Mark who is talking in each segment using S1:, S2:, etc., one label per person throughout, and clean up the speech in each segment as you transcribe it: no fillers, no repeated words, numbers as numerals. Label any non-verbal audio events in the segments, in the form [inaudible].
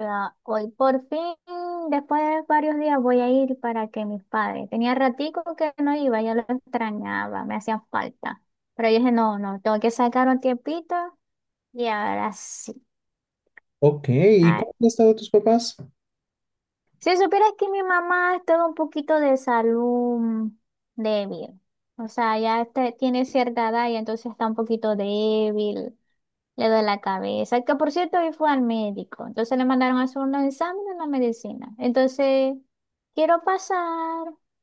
S1: Ah, hoy por fin, después de varios días, voy a ir para que mis padres. Tenía ratico que no iba, ya lo extrañaba, me hacían falta. Pero yo dije, no, no, tengo que sacar un tiempito y ahora sí.
S2: Ok, ¿y
S1: Ah,
S2: cómo han estado tus papás?
S1: si supieras que mi mamá estaba un poquito de salud débil. O sea, ya tiene cierta edad y entonces está un poquito débil, le duele la cabeza. Que por cierto, hoy fue al médico. Entonces le mandaron a hacer unos exámenes en la medicina. Entonces. Quiero pasar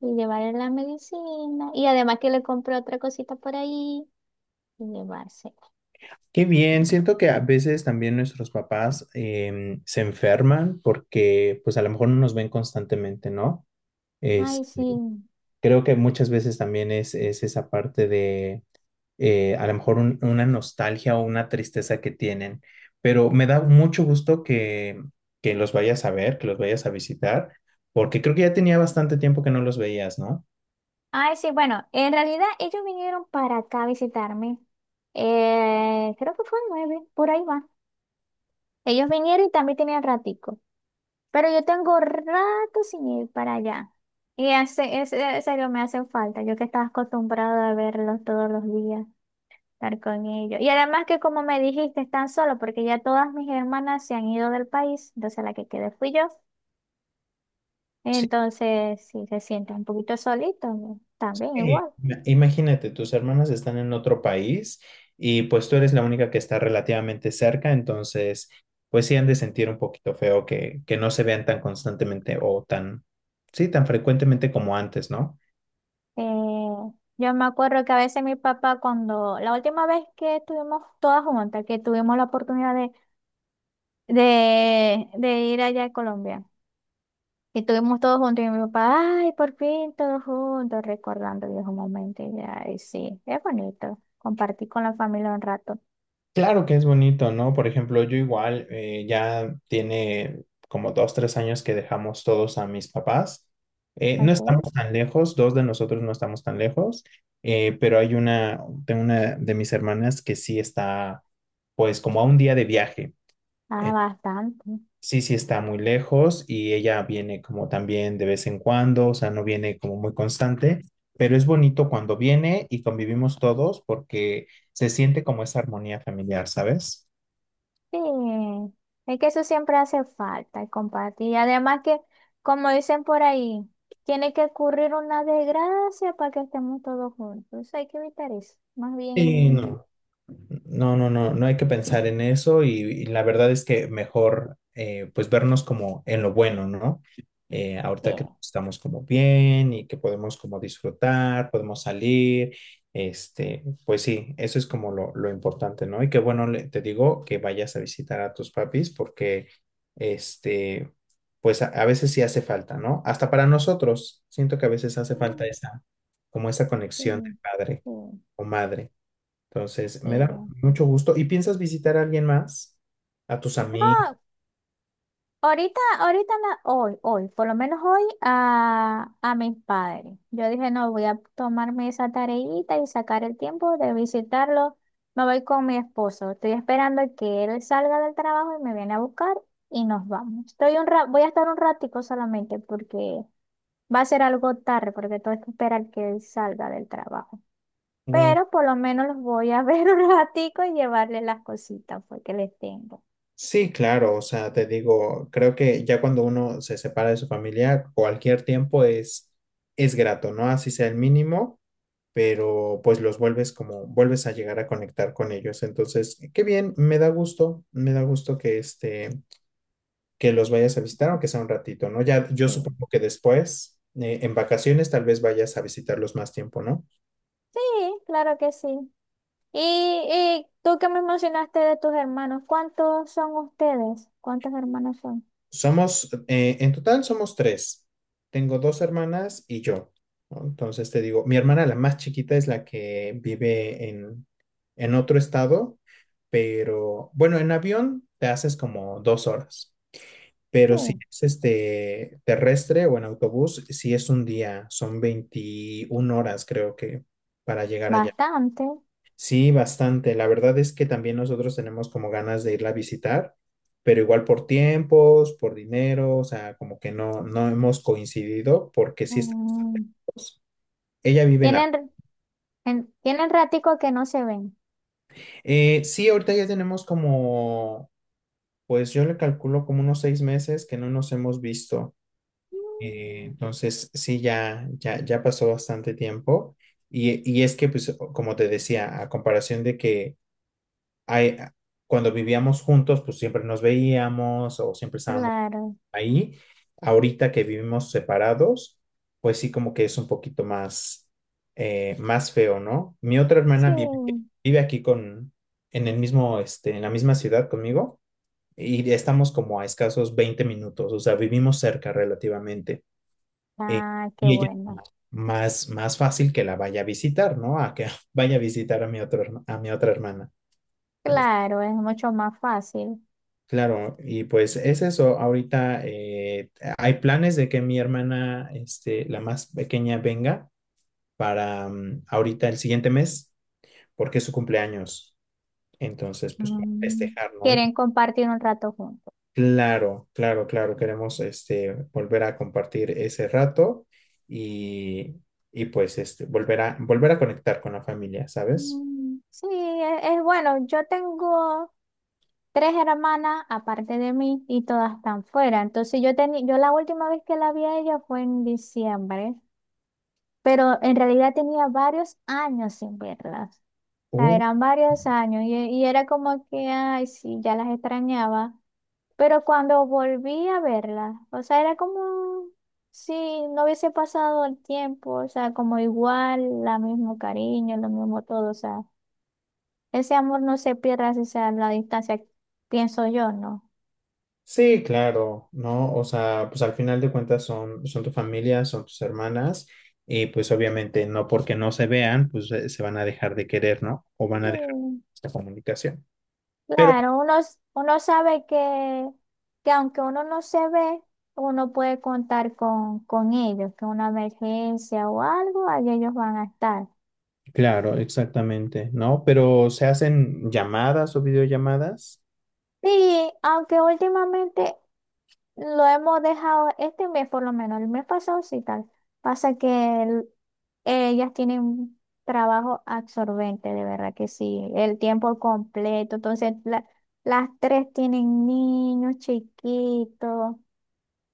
S1: y llevarle la medicina. Y además que le compré otra cosita por ahí y llevarse.
S2: Qué bien, siento que a veces también nuestros papás se enferman porque pues a lo mejor no nos ven constantemente, ¿no? Es,
S1: Ay, sí.
S2: Creo que muchas veces también es esa parte de a lo mejor una nostalgia o una tristeza que tienen, pero me da mucho gusto que, los vayas a ver, que los vayas a visitar, porque creo que ya tenía bastante tiempo que no los veías, ¿no?
S1: Ay, sí, bueno, en realidad ellos vinieron para acá a visitarme. Creo que fue el 9 por ahí va. Ellos vinieron y también tenían ratico. Pero yo tengo rato sin ir para allá. En serio me hacen falta, yo que estaba acostumbrada a verlos todos los días. Estar con ellos. Y además que como me dijiste, están solos porque ya todas mis hermanas se han ido del país, entonces la que quedé fui yo.
S2: Sí.
S1: Entonces, si se sienten un poquito solitos, ¿no? también igual.
S2: Imagínate, tus hermanas están en otro país y pues tú eres la única que está relativamente cerca, entonces pues sí han de sentir un poquito feo que no se vean tan constantemente o tan, sí, tan frecuentemente como antes, ¿no?
S1: Eh, yo me acuerdo que a veces mi papá, cuando la última vez que estuvimos todas juntas, que tuvimos la oportunidad de, ir allá a Colombia, y estuvimos todos juntos, y mi papá, ay, por fin todos juntos, recordando viejos momentos, y ay, sí, es bonito compartir con la familia un rato.
S2: Claro que es bonito, ¿no? Por ejemplo, yo igual ya tiene como 2, 3 años que dejamos todos a mis papás. No
S1: ¿Ok?
S2: estamos tan lejos, dos de nosotros no estamos tan lejos, pero hay una, tengo una de mis hermanas que sí está, pues como a un día de viaje.
S1: Ah,
S2: Eh,
S1: bastante.
S2: sí, sí está muy lejos y ella viene como también de vez en cuando, o sea, no viene como muy constante, pero es bonito cuando viene y convivimos todos porque se siente como esa armonía familiar, ¿sabes?
S1: Sí. Es que eso siempre hace falta, el compartir. Y además que, como dicen por ahí, tiene que ocurrir una desgracia para que estemos todos juntos. Eso hay que evitar eso. Más
S2: Sí,
S1: bien.
S2: no, no, no, no, no hay que pensar en eso y la verdad es que mejor pues vernos como en lo bueno, ¿no?
S1: Sí.
S2: Ahorita que estamos como bien y que podemos como disfrutar, podemos salir, este, pues sí, eso es como lo importante, ¿no? Y que bueno, te digo que vayas a visitar a tus papis porque, este, pues a veces sí hace falta, ¿no? Hasta para nosotros, siento que a veces hace falta
S1: Mm,
S2: esa, como esa conexión de
S1: sí,
S2: padre
S1: sí,
S2: o madre. Entonces, me da
S1: sí.
S2: mucho gusto. ¿Y piensas visitar a alguien más? ¿A tus amigos?
S1: No, ahorita, ahorita, hoy, hoy, por lo menos hoy, a mis padres. Yo dije, no, voy a tomarme esa tareita y sacar el tiempo de visitarlo. Me voy con mi esposo. Estoy esperando que él salga del trabajo y me viene a buscar y nos vamos. Voy a estar un ratico solamente porque va a ser algo tarde, porque tengo que esperar que él salga del trabajo. Pero por lo menos los voy a [laughs] ver un ratico y llevarle las cositas pues, que les tengo.
S2: Sí, claro, o sea, te digo, creo que ya cuando uno se separa de su familia, cualquier tiempo es grato, ¿no? Así sea el mínimo, pero pues los vuelves como, vuelves a llegar a conectar con ellos. Entonces, qué bien, me da gusto que los vayas a visitar, aunque sea un ratito, ¿no? Ya, yo
S1: Sí,
S2: supongo que después, en vacaciones, tal vez vayas a visitarlos más tiempo, ¿no?
S1: sí, claro que sí. Y, y tú que me mencionaste de tus hermanos, ¿cuántos son ustedes? ¿Cuántos hermanos son?
S2: Somos, en total somos tres. Tengo dos hermanas y yo, ¿no? Entonces te digo, mi hermana la más chiquita es la que vive en otro estado, pero bueno, en avión te haces como 2 horas, pero si
S1: Sí,
S2: es este terrestre o en autobús, si es un día, son 21 horas creo que para llegar allá.
S1: bastante.
S2: Sí, bastante. La verdad es que también nosotros tenemos como ganas de irla a visitar, pero igual por tiempos, por dinero, o sea, como que no, no hemos coincidido porque sí estamos
S1: Mm,
S2: lejos. Ella vive en la.
S1: Tienen, Tienen ratico que no se ven.
S2: Sí, ahorita ya tenemos como, pues yo le calculo como unos 6 meses que no nos hemos visto. Entonces, sí, ya, ya, ya pasó bastante tiempo. Y es que, pues, como te decía, a comparación de que ahí- cuando vivíamos juntos, pues siempre nos veíamos o siempre estábamos
S1: Claro,
S2: ahí. Ahorita que vivimos separados, pues sí, como que es un poquito más feo, ¿no? Mi otra hermana
S1: sí.
S2: vive aquí con, en el mismo, este, en la misma ciudad conmigo y estamos como a escasos 20 minutos, o sea, vivimos cerca relativamente. Eh,
S1: Ah, qué
S2: y ella
S1: bueno.
S2: más, más fácil que la vaya a visitar, ¿no? A que [laughs] vaya a visitar a mi otro, a mi otra hermana.
S1: Claro, es mucho más fácil.
S2: Claro, y pues es eso. Ahorita hay planes de que mi hermana, este, la más pequeña, venga para ahorita el siguiente mes, porque es su cumpleaños. Entonces, pues para
S1: Mm,
S2: festejar, ¿no? Y
S1: Quieren compartir un rato juntos.
S2: claro, claro, claro, queremos este, volver a compartir ese rato y, y pues este, volver a conectar con la familia, ¿sabes?
S1: Mm, sí, es bueno. Yo tengo tres hermanas aparte de mí y todas están fuera. Entonces yo tenía, yo la última vez que la vi a ella fue en diciembre, pero en realidad tenía varios años sin verlas. O sea, eran varios años y era como que, ay, sí, ya las extrañaba. Pero cuando volví a verlas, o sea, era como si no hubiese pasado el tiempo, o sea, como igual, el mismo cariño, lo mismo todo, o sea, ese amor no se pierde, así sea la distancia, pienso yo, ¿no?
S2: Sí, claro, ¿no? O sea, pues al final de cuentas son tu familia, son tus hermanas, y pues obviamente no porque no se vean, pues se van a dejar de querer, ¿no? O van a dejar
S1: Mm.
S2: esta comunicación. Pero,
S1: Claro, uno, uno sabe que, aunque uno no se ve, uno puede contar con ellos, que una emergencia o algo, ahí ellos van a estar.
S2: claro, exactamente, ¿no? Pero se hacen llamadas o videollamadas.
S1: Sí, aunque últimamente lo hemos dejado, este mes por lo menos, el mes pasado sí tal, pasa que el- ellas tienen un trabajo absorbente, de verdad que sí, el tiempo completo, entonces las tres tienen niños chiquitos.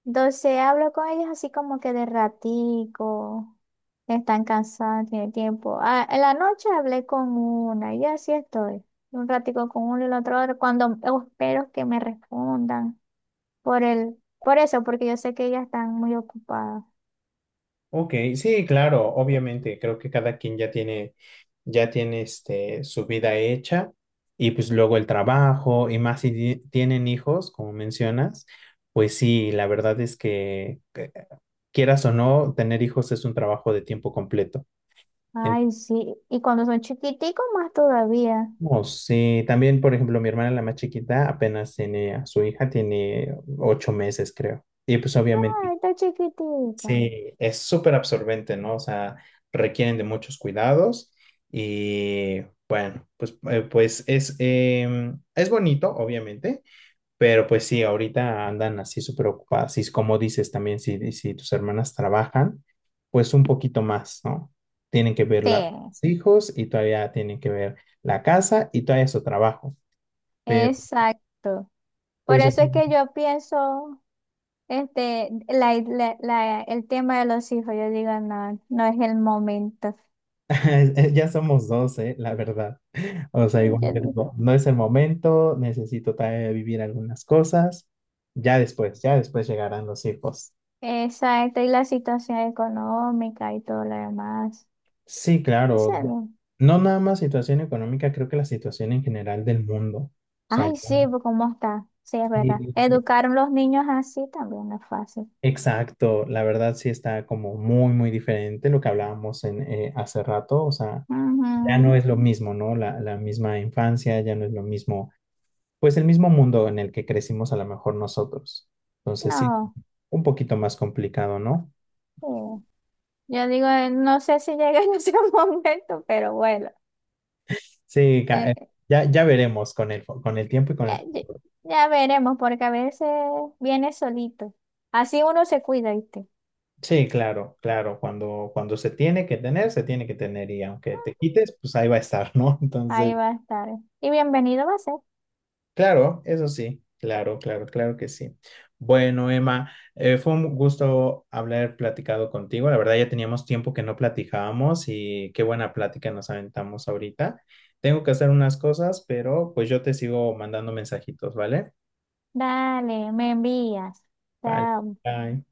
S1: Entonces hablo con ellos así como que de ratico, están cansados, tienen tiempo. Ah, en la noche hablé con una y así estoy. Un ratico con uno y el otro, cuando espero que me respondan por el, por eso, porque yo sé que ellas están muy ocupadas.
S2: Ok, sí, claro, obviamente, creo que cada quien ya tiene este, su vida hecha y pues luego el trabajo y más si tienen hijos, como mencionas, pues sí, la verdad es que quieras o no, tener hijos es un trabajo de tiempo completo.
S1: Ay, sí, y cuando son chiquiticos más todavía.
S2: Entonces, sí, también, por ejemplo, mi hermana, la más chiquita, apenas tiene a su hija, tiene 8 meses, creo. Y pues obviamente,
S1: Ay, está chiquitica.
S2: sí, es súper absorbente, ¿no? O sea, requieren de muchos cuidados y bueno, pues, pues es bonito, obviamente, pero pues sí, ahorita andan así súper ocupadas. Y es como dices también, si tus hermanas trabajan, pues un poquito más, ¿no? Tienen que ver
S1: Sí,
S2: los hijos y todavía tienen que ver la casa y todavía su trabajo. Pero
S1: exacto. Por
S2: pues
S1: eso es que yo pienso. Este, el tema de los hijos, yo digo, no, no es el momento.
S2: [laughs] ya somos dos, la verdad. O
S1: Yo
S2: sea, igual yo
S1: digo,
S2: digo, no es el momento, necesito todavía vivir algunas cosas. Ya después llegarán los hijos.
S1: exacto, y la situación económica y todo lo demás.
S2: Sí,
S1: Eso
S2: claro.
S1: no.
S2: No nada más situación económica, creo que la situación en general del mundo. O sea, ya
S1: Ay, sí, pues, ¿cómo está? Sí, es verdad.
S2: sí,
S1: Educar a los niños así también no es fácil.
S2: exacto. La verdad sí está como muy, muy diferente lo que hablábamos hace rato. O sea, ya no
S1: Ujú.
S2: es lo mismo, ¿no? La misma infancia, ya no es lo mismo pues el mismo mundo en el que crecimos a lo mejor nosotros. Entonces sí,
S1: No,
S2: un poquito más complicado, ¿no?
S1: sí. Yo digo, no sé si llega en ese [laughs] momento, pero bueno,
S2: Sí,
S1: eh,
S2: ya, ya veremos con el tiempo y con el
S1: ya, ya-
S2: futuro.
S1: ya veremos, porque a veces viene solito. Así uno se cuida, ¿viste?
S2: Sí, claro, claro, cuando, cuando se tiene que tener, se tiene que tener y aunque te quites, pues ahí va a estar, ¿no? [laughs] Entonces,
S1: Ahí va a estar. Y bienvenido va a ser.
S2: claro, eso sí, claro, claro, claro que sí. Bueno, Emma, fue un gusto haber platicado contigo. La verdad, ya teníamos tiempo que no platicábamos y qué buena plática nos aventamos ahorita. Tengo que hacer unas cosas, pero pues yo te sigo mandando mensajitos, ¿vale?
S1: Dale, me envías.
S2: Vale.
S1: Chao.
S2: Bye.